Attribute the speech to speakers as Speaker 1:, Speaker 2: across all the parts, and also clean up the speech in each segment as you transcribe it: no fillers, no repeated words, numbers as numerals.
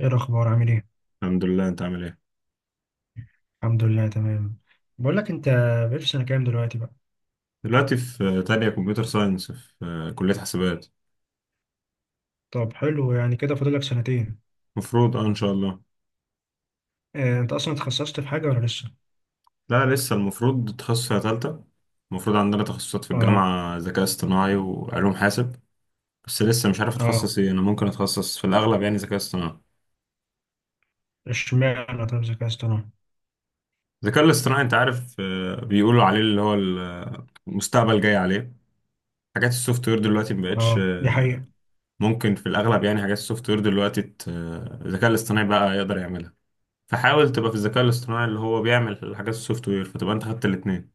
Speaker 1: ايه الاخبار؟ عامل ايه؟
Speaker 2: الحمد لله، انت عامل ايه؟
Speaker 1: الحمد لله، تمام. بقول لك انت، بقيت في سنه كام دلوقتي بقى؟
Speaker 2: دلوقتي في تانية كمبيوتر ساينس في كلية حسابات.
Speaker 1: طب حلو، يعني كده فاضل لك سنتين.
Speaker 2: مفروض، اه، ان شاء الله.
Speaker 1: انت اصلا اتخصصت في حاجه ولا لسه؟
Speaker 2: لا لسه، المفروض تخصصها تالتة. المفروض عندنا تخصصات في
Speaker 1: اه.
Speaker 2: الجامعة: ذكاء اصطناعي وعلوم حاسب. بس لسه مش عارف
Speaker 1: اه.
Speaker 2: اتخصص ايه، انا ممكن اتخصص في الاغلب يعني ذكاء اصطناعي.
Speaker 1: اشمعنى طب ذكاء اصطناعي؟
Speaker 2: الذكاء الاصطناعي انت عارف، بيقولوا عليه اللي هو المستقبل جاي عليه. حاجات السوفت وير دلوقتي مبقتش
Speaker 1: اه، دي
Speaker 2: آه،
Speaker 1: حقيقه.
Speaker 2: ممكن في الاغلب يعني حاجات السوفت وير دلوقتي الذكاء الاصطناعي بقى يقدر يعملها. فحاول تبقى في الذكاء الاصطناعي اللي هو بيعمل الحاجات السوفت وير، فتبقى انت خدت الاثنين.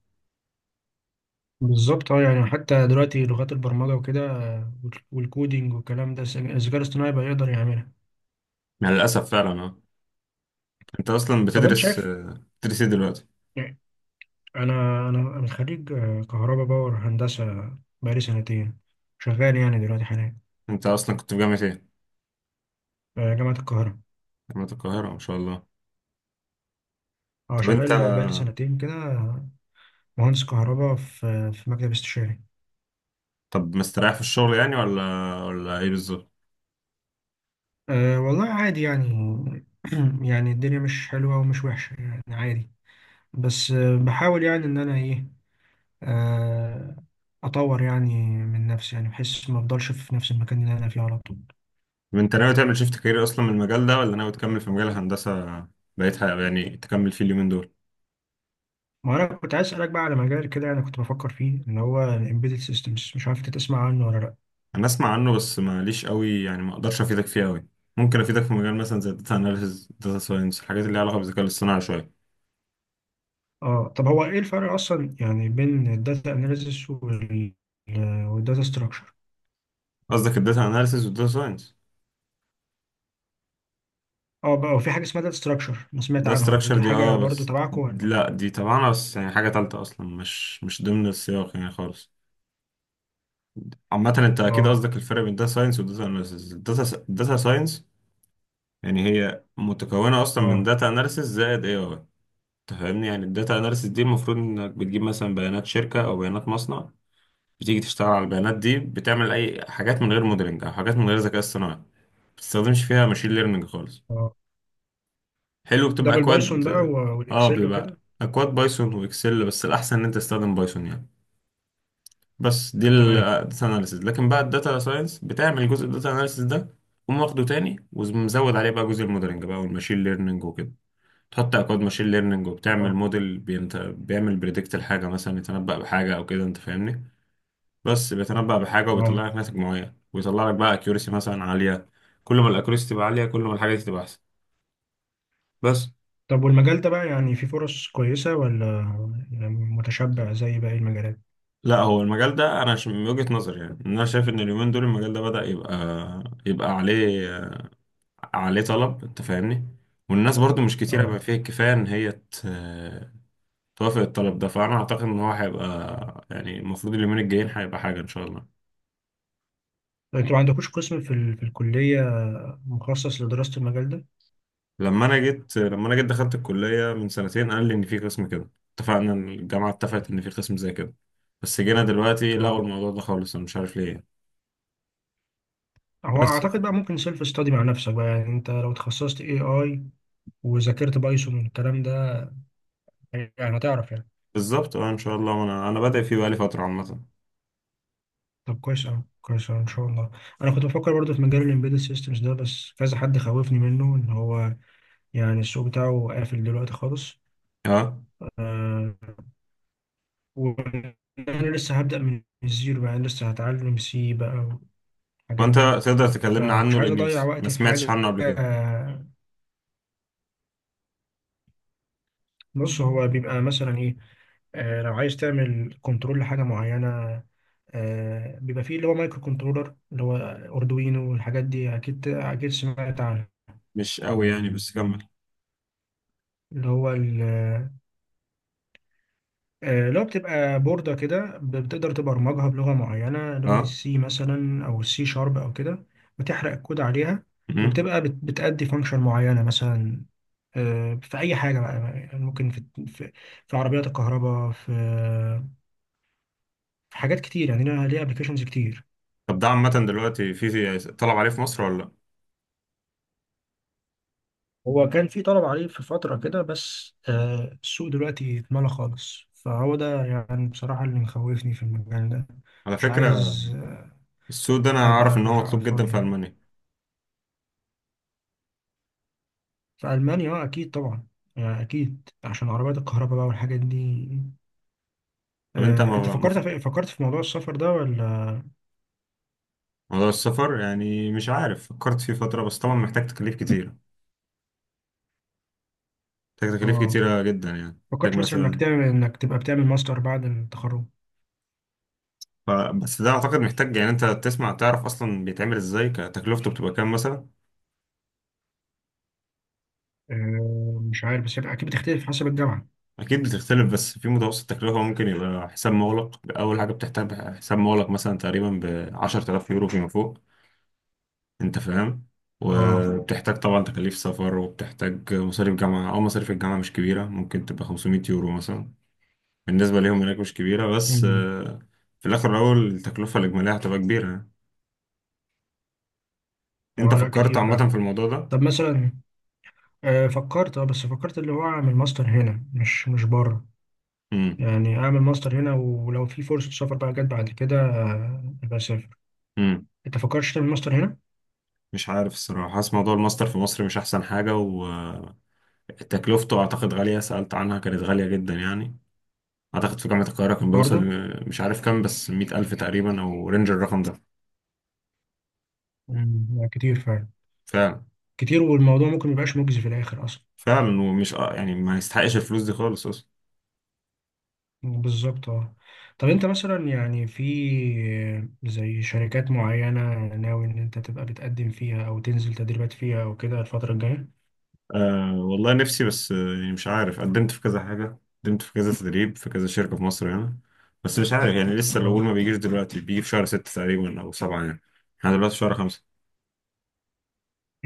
Speaker 1: بالظبط اه، يعني حتى دلوقتي لغات البرمجه وكده، والكودينج والكلام ده الذكاء الاصطناعي بقى يقدر يعملها.
Speaker 2: يعني للاسف فعلا، اه. انت اصلا
Speaker 1: طب انت شايف،
Speaker 2: بتدرس ايه دلوقتي؟
Speaker 1: يعني، انا انا أنا خريج كهرباء باور هندسه، بقالي سنتين شغال يعني دلوقتي حاليا.
Speaker 2: انت اصلا كنت في جامعة ايه؟
Speaker 1: جامعه القاهره.
Speaker 2: جامعة القاهرة، ما شاء الله.
Speaker 1: اه،
Speaker 2: طب انت،
Speaker 1: شغال بقالي سنتين كده. مهندس كهرباء في مكتب استشاري.
Speaker 2: طب مستريح في الشغل يعني، ولا ولا ايه بالظبط؟
Speaker 1: أه والله عادي يعني. يعني الدنيا مش حلوة ومش وحشة، يعني عادي. بس بحاول يعني إن أنا إيه، آه، أطور يعني من نفسي، يعني بحيث ما أفضلش في نفس المكان اللي أنا فيه على طول.
Speaker 2: طب انت ناوي تعمل شيفت كارير اصلا من المجال ده، ولا ناوي تكمل في مجال الهندسة بقيتها يعني، تكمل فيه اليومين دول؟
Speaker 1: ما أنا كنت عايز أسألك بقى على مجال كده أنا كنت بفكر فيه، اللي هو ال Embedded Systems، مش عارف أنت تسمع عنه ولا لأ.
Speaker 2: انا اسمع عنه بس ماليش قوي، يعني ما اقدرش افيدك فيه قوي. ممكن افيدك في مجال مثلا زي الداتا اناليسز، داتا ساينس، الحاجات اللي ليها علاقة بالذكاء الاصطناعي شوية.
Speaker 1: أه، طب هو إيه الفرق أصلا يعني بين الداتا أناليسيس وال، والداتا Structure.
Speaker 2: قصدك الداتا اناليسز والداتا ساينس؟
Speaker 1: اه بقى، وفي حاجة اسمها داتا ستراكشر، انا سمعت
Speaker 2: ده
Speaker 1: عنها برضه،
Speaker 2: استراكشر،
Speaker 1: دي
Speaker 2: دي
Speaker 1: حاجة
Speaker 2: اه
Speaker 1: برضه
Speaker 2: بس.
Speaker 1: تبعكم ولا؟
Speaker 2: لا دي طبعا بس يعني حاجة تالتة أصلا، مش مش ضمن السياق يعني خالص. عامة أنت أكيد
Speaker 1: اه.
Speaker 2: قصدك الفرق بين داتا ساينس وداتا أناليسيز. الداتا داتا ساينس يعني هي متكونة أصلا من
Speaker 1: اه.
Speaker 2: داتا أناليسيز زائد أي أي، فاهمني؟ يعني الداتا أناليسيز دي المفروض إنك بتجيب مثلا بيانات شركة أو بيانات مصنع. بتيجي تشتغل على البيانات دي، بتعمل أي حاجات من غير موديلنج أو حاجات من غير ذكاء اصطناعي، ما بتستخدمش فيها ماشين ليرنينج خالص.
Speaker 1: اه.
Speaker 2: حلو،
Speaker 1: ده
Speaker 2: بتبقى
Speaker 1: بالبايثون
Speaker 2: اكواد.
Speaker 1: بقى
Speaker 2: اه،
Speaker 1: والاكسل
Speaker 2: بيبقى
Speaker 1: وكده.
Speaker 2: اكواد بايثون واكسل، بس الاحسن ان انت تستخدم بايثون يعني. بس دي
Speaker 1: تمام.
Speaker 2: الداتا اناليسيس. لكن بقى الداتا ساينس بتعمل جزء الداتا اناليسيس ده، قوم واخده تاني ومزود عليه بقى جزء الموديلنج بقى والماشين ليرنينج وكده. تحط اكواد ماشين ليرنينج وبتعمل
Speaker 1: اه.
Speaker 2: موديل، بيعمل بريدكت الحاجه مثلا، يتنبأ بحاجه او كده، انت فاهمني؟ بس بيتنبأ بحاجه
Speaker 1: اه.
Speaker 2: وبيطلع لك ناتج معين، ويطلع لك بقى اكيورسي مثلا عاليه. كل ما الاكيورسي تبقى عاليه، كل ما الحاجه دي تبقى احسن. بس
Speaker 1: طب والمجال ده بقى يعني في فرص كويسة، ولا يعني متشبع زي باقي المجالات؟
Speaker 2: لا، هو المجال ده انا من وجهة نظري يعني، إن انا شايف ان اليومين دول المجال ده بدأ يبقى، يبقى عليه عليه طلب، انت فاهمني؟ والناس برضو مش كتيرة
Speaker 1: اه.
Speaker 2: بقى فيها الكفاية ان هي توافق الطلب ده. فانا اعتقد ان هو هيبقى يعني المفروض اليومين الجايين هيبقى حاجة ان شاء الله.
Speaker 1: طب انتوا ما عندكوش قسم في ال... الكلية مخصص لدراسة المجال ده؟
Speaker 2: لما انا جيت دخلت الكلية من سنتين، قال لي ان في قسم كده، اتفقنا إن الجامعة اتفقت ان في قسم زي كده. بس جينا دلوقتي لغوا
Speaker 1: اه.
Speaker 2: الموضوع ده خالص، انا مش عارف ليه يعني.
Speaker 1: هو
Speaker 2: بس ف-
Speaker 1: اعتقد بقى ممكن سيلف ستادي مع نفسك بقى، يعني انت لو تخصصت اي، وذاكرت بايثون والكلام ده، يعني هتعرف يعني.
Speaker 2: بالظبط اه، ان شاء الله. انا بادئ فيه بقالي فترة عامة.
Speaker 1: طب كويس أوي كويس أوي، إن شاء الله. أنا كنت بفكر برضه في مجال الإمبيدد سيستمز ده، بس كذا حد خوفني منه إن هو يعني السوق بتاعه قافل دلوقتي خالص.
Speaker 2: اه،
Speaker 1: آه وأنا لسه هبدأ من الزيرو، يعني لسه هتعلم سي بقى والحاجات
Speaker 2: وانت
Speaker 1: دي.
Speaker 2: تقدر تكلمنا
Speaker 1: فما كنتش
Speaker 2: عنه،
Speaker 1: عايز
Speaker 2: لاني
Speaker 1: أضيع
Speaker 2: بس ما
Speaker 1: وقتي في
Speaker 2: سمعتش
Speaker 1: حاجة
Speaker 2: عنه قبل كده.
Speaker 1: آه، بص هو بيبقى مثلا إيه، لو عايز تعمل كنترول لحاجة معينة، بيبقى فيه اللي هو مايكرو كنترولر اللي هو أردوينو والحاجات دي، أكيد أكيد سمعت عنها.
Speaker 2: مش قوي يعني، بس كمل.
Speaker 1: اللي هو ال، لو بتبقى بوردة كده، بتقدر تبرمجها بلغة معينة، لغة
Speaker 2: اه.
Speaker 1: السي مثلا أو السي شارب أو كده. وتحرق الكود عليها.
Speaker 2: امم.
Speaker 1: وبتبقى بتأدي فانكشن معينة مثلا، في أي حاجة بقى. يعني ممكن في في عربيات الكهرباء، في حاجات كتير، يعني ليها أبلكيشنز كتير.
Speaker 2: طب ده عامة دلوقتي في طلب عليه في مصر، ولا لا؟
Speaker 1: هو كان في طلب عليه في فترة كده، بس السوق دلوقتي اتملى خالص، فهو ده يعني بصراحة اللي مخوفني في المجال ده.
Speaker 2: على
Speaker 1: مش
Speaker 2: فكرة،
Speaker 1: عايز
Speaker 2: السوق ده انا اعرف
Speaker 1: أبقى
Speaker 2: ان هو
Speaker 1: بحرق على
Speaker 2: مطلوب جدا
Speaker 1: الفاضي
Speaker 2: في
Speaker 1: يعني.
Speaker 2: المانيا.
Speaker 1: في ألمانيا اه أكيد طبعا، أكيد عشان عربيات الكهرباء بقى والحاجات دي.
Speaker 2: طب انت
Speaker 1: أنت فكرت في موضوع السفر ده ولا؟
Speaker 2: موضوع السفر يعني مش عارف، فكرت فيه فترة بس طبعا محتاج تكاليف كتير. محتاج تكاليف
Speaker 1: اه.
Speaker 2: كتيرة جدا يعني، محتاج
Speaker 1: فكرت مثلا
Speaker 2: مثلا،
Speaker 1: إنك تبقى بتعمل ماستر بعد التخرج؟
Speaker 2: بس ده اعتقد محتاج يعني انت تسمع تعرف اصلا بيتعمل ازاي، كتكلفته بتبقى كام مثلا.
Speaker 1: مش عارف، بس أكيد بتختلف حسب الجامعة.
Speaker 2: أكيد بتختلف، بس في متوسط تكلفة. ممكن يبقى حساب مغلق، أول حاجة بتحتاج حساب مغلق، مثلا تقريبا ب10,000 يورو فيما فوق، أنت فاهم؟
Speaker 1: اه.
Speaker 2: وبتحتاج طبعا تكاليف سفر، وبتحتاج مصاريف جامعة، أو مصاريف الجامعة مش كبيرة، ممكن تبقى 500 يورو مثلا، بالنسبة ليهم هناك مش كبيرة، بس
Speaker 1: أمم.
Speaker 2: آه، في الآخر الأول التكلفة الإجمالية هتبقى كبيرة. أنت
Speaker 1: اه، لا
Speaker 2: فكرت
Speaker 1: كتير فعلا.
Speaker 2: عامة في الموضوع ده؟
Speaker 1: طب مثلا، فكرت اه بس فكرت اللي هو أعمل ماستر هنا، مش بره.
Speaker 2: مم.
Speaker 1: يعني أعمل ماستر هنا، ولو في فرصة سفر بقى جت بعد كده أبقى أسافر.
Speaker 2: مم.
Speaker 1: أنت فكرتش تعمل ماستر هنا؟
Speaker 2: مش عارف الصراحة، حاسس موضوع الماستر في مصر مش أحسن حاجة، وتكلفته أعتقد غالية. سألت عنها كانت غالية جدا يعني. اعتقد في جامعة القاهرة كان بيوصل
Speaker 1: برضه؟
Speaker 2: ل- مش عارف كام، بس 100,000 تقريبا او رينج الرقم ده.
Speaker 1: أمم، لا كتير فعلا.
Speaker 2: فعلا.
Speaker 1: كتير، والموضوع ممكن ميبقاش مجزي في الآخر أصلا.
Speaker 2: فعلا ومش يعني ما يستحقش الفلوس دي خالص اصلا.
Speaker 1: بالظبط اه. طب أنت مثلا يعني في، زي شركات معينة ناوي إن أنت تبقى بتقدم فيها أو تنزل تدريبات فيها أو كده الفترة الجاية؟
Speaker 2: أه والله نفسي، بس آه، يعني مش عارف. قدمت في كذا حاجة، قدمت في كذا تدريب، في كذا شركة في مصر هنا. بس مش عارف يعني، لسه
Speaker 1: اه.
Speaker 2: القبول ما بيجيش دلوقتي، بيجي في شهر 6 تقريبا او 7 يعني. احنا دلوقتي في شهر 5.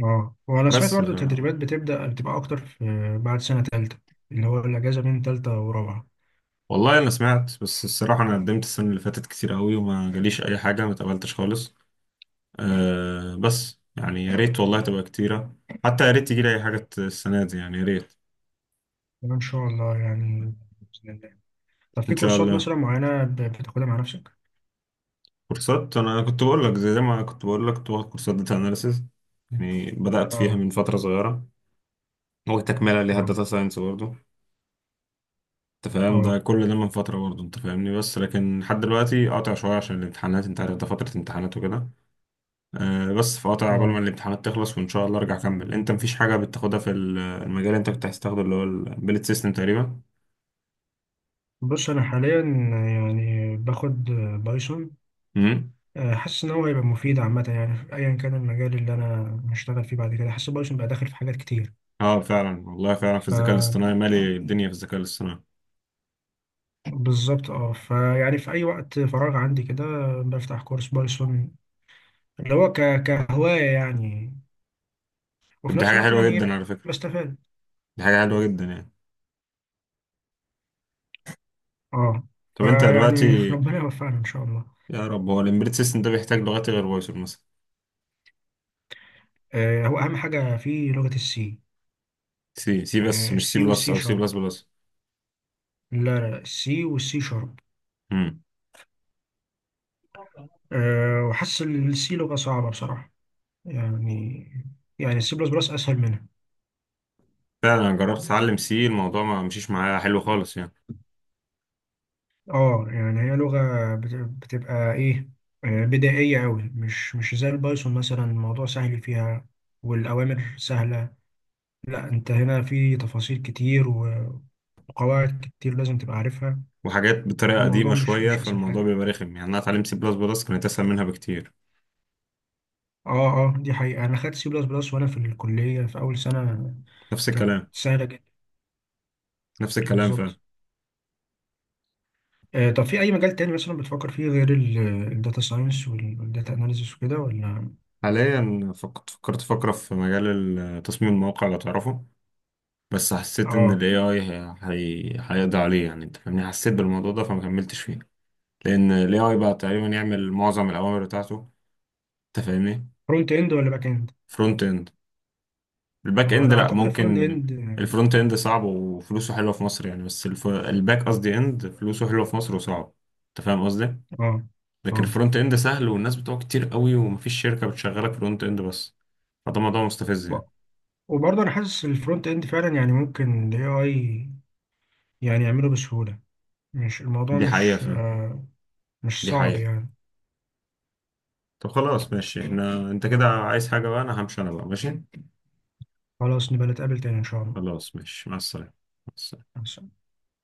Speaker 1: اه، وأنا سمعت
Speaker 2: بس
Speaker 1: برضو
Speaker 2: ف...
Speaker 1: التدريبات بتبدأ بتبقى أكتر في بعد سنة تالتة، اللي هو الأجازة بين تالتة ورابعة.
Speaker 2: والله انا سمعت، بس الصراحة انا قدمت السنة اللي فاتت كتير قوي وما جاليش اي حاجة، ما اتقبلتش خالص. أه بس يعني يا ريت والله تبقى كتيرة. حتى يا ريت تجي لي أي حاجة السنة دي يعني يا ريت.
Speaker 1: إن شاء الله يعني. بإذن الله. طب في
Speaker 2: إن شاء
Speaker 1: كورسات
Speaker 2: الله.
Speaker 1: مثلا معينة بتاخدها مع نفسك؟
Speaker 2: كورسات، أنا كنت بقول لك زي ما كنت بقول لك، كنت باخد كورسات داتا أناليسيز. يعني بدأت فيها
Speaker 1: اه.
Speaker 2: من فترة صغيرة. هو تكملة ليها
Speaker 1: اه.
Speaker 2: داتا ساينس برضه. أنت فاهم ده،
Speaker 1: اه.
Speaker 2: كل ده من فترة برضه، أنت فاهمني؟ بس لكن لحد دلوقتي قاطع شوية عشان الامتحانات، أنت عارف ده فترة امتحانات وكده. أه، بس فقاطع عقبال ما
Speaker 1: اه.
Speaker 2: الامتحانات تخلص، وإن شاء الله أرجع أكمل. أنت مفيش حاجة بتاخدها في المجال اللي أنت كنت عايز تاخده اللي هو البيلت سيستم تقريبا؟
Speaker 1: بص انا حاليا يعني باخد بايثون.
Speaker 2: مم.
Speaker 1: حاسس إن هو هيبقى مفيد عامة، يعني في أيا كان المجال اللي أنا هشتغل فيه بعد كده، حاسس بايثون بقى داخل في حاجات كتير.
Speaker 2: اه فعلا والله، فعلا في الذكاء
Speaker 1: فبالظبط.
Speaker 2: الاصطناعي مالي الدنيا، في الذكاء الاصطناعي.
Speaker 1: اه، فيعني في أي وقت فراغ عندي كده بفتح كورس بايثون، اللي هو كهواية يعني،
Speaker 2: طب
Speaker 1: وفي
Speaker 2: دي
Speaker 1: نفس
Speaker 2: حاجة
Speaker 1: الوقت
Speaker 2: حلوة
Speaker 1: يعني إيه،
Speaker 2: جدا على فكرة.
Speaker 1: بستفاد.
Speaker 2: دي حاجة حلوة جدا يعني.
Speaker 1: اه.
Speaker 2: طب انت
Speaker 1: فيعني
Speaker 2: دلوقتي.
Speaker 1: ربنا يوفقنا إن شاء الله.
Speaker 2: يا رب. هو الامبيدد سيستم ده بيحتاج لغات غير بايثون مثلا؟
Speaker 1: هو أهم حاجة في لغة السي.
Speaker 2: سي سي بس، مش سي
Speaker 1: السي
Speaker 2: بلس
Speaker 1: والسي
Speaker 2: او سي بلس
Speaker 1: شارب.
Speaker 2: بلس.
Speaker 1: لا. لا، السي والسي شارب.
Speaker 2: امم.
Speaker 1: أه، وحاسس إن السي لغة صعبة بصراحة، يعني، يعني السي بلس بلس أسهل منها.
Speaker 2: فعلا انا جربت اتعلم سي، الموضوع ما مشيش معايا حلو خالص يعني.
Speaker 1: اه، يعني هي لغة بتبقى ايه، بدائية أوي، مش زي البايثون، مثلا الموضوع سهل فيها والأوامر سهلة. لا، أنت هنا في تفاصيل كتير وقواعد كتير لازم تبقى عارفها.
Speaker 2: وحاجات بطريقة
Speaker 1: الموضوع
Speaker 2: قديمة
Speaker 1: مش
Speaker 2: شوية،
Speaker 1: مش أسهل
Speaker 2: فالموضوع
Speaker 1: حاجة يعني.
Speaker 2: بيبقى رخم يعني. انا اتعلمت سي بلس بلس، كانت اسهل منها بكتير.
Speaker 1: اه. اه دي حقيقة، أنا خدت سي بلس بلس وأنا في الكلية في أول سنة،
Speaker 2: نفس
Speaker 1: كانت
Speaker 2: الكلام.
Speaker 1: سهلة جدا.
Speaker 2: نفس الكلام فعلا.
Speaker 1: بالظبط. طب في أي مجال تاني مثلا بتفكر فيه غير الداتا ساينس والداتا أناليسيس وكده ولا؟
Speaker 2: حاليا فكرت فكرة في مجال تصميم المواقع لو تعرفه. بس حسيت ان
Speaker 1: اه.
Speaker 2: الاي اي هيقضي عليه يعني، انت فاهمني؟ حسيت بالموضوع ده فما كملتش فيه. لان الاي اي بقى تقريبا يعمل معظم الاوامر بتاعته، انت فاهمني؟
Speaker 1: فرونت إند ولا باك إند؟
Speaker 2: فرونت اند. الباك
Speaker 1: اه،
Speaker 2: اند
Speaker 1: لا
Speaker 2: لا
Speaker 1: اعتقد الفرونت
Speaker 2: ممكن.
Speaker 1: اند.
Speaker 2: الفرونت اند صعب وفلوسه حلوه في مصر يعني، بس الباك قصدي اند، فلوسه حلوه في مصر وصعب، انت فاهم قصدي؟
Speaker 1: اه. اه،
Speaker 2: لكن
Speaker 1: آه.
Speaker 2: الفرونت اند سهل، والناس بتوعه كتير قوي، ومفيش شركه بتشغلك فرونت اند بس. فده موضوع مستفز
Speaker 1: و-
Speaker 2: يعني.
Speaker 1: وبرضه انا حاسس الفرونت اند فعلا، يعني ممكن الاي اي يعني يعمله بسهولة، مش، الموضوع
Speaker 2: دي حقيقه
Speaker 1: مش
Speaker 2: فعلا.
Speaker 1: آه مش
Speaker 2: دي
Speaker 1: صعب
Speaker 2: حقيقه.
Speaker 1: يعني.
Speaker 2: طب خلاص ماشي، احنا انت كده عايز حاجه بقى، انا همشي، انا بقى ماشي.
Speaker 1: خلاص نبقى نتقابل تاني ان شاء
Speaker 2: خلاص ماشي، مع السلامة. مع السلامة.
Speaker 1: الله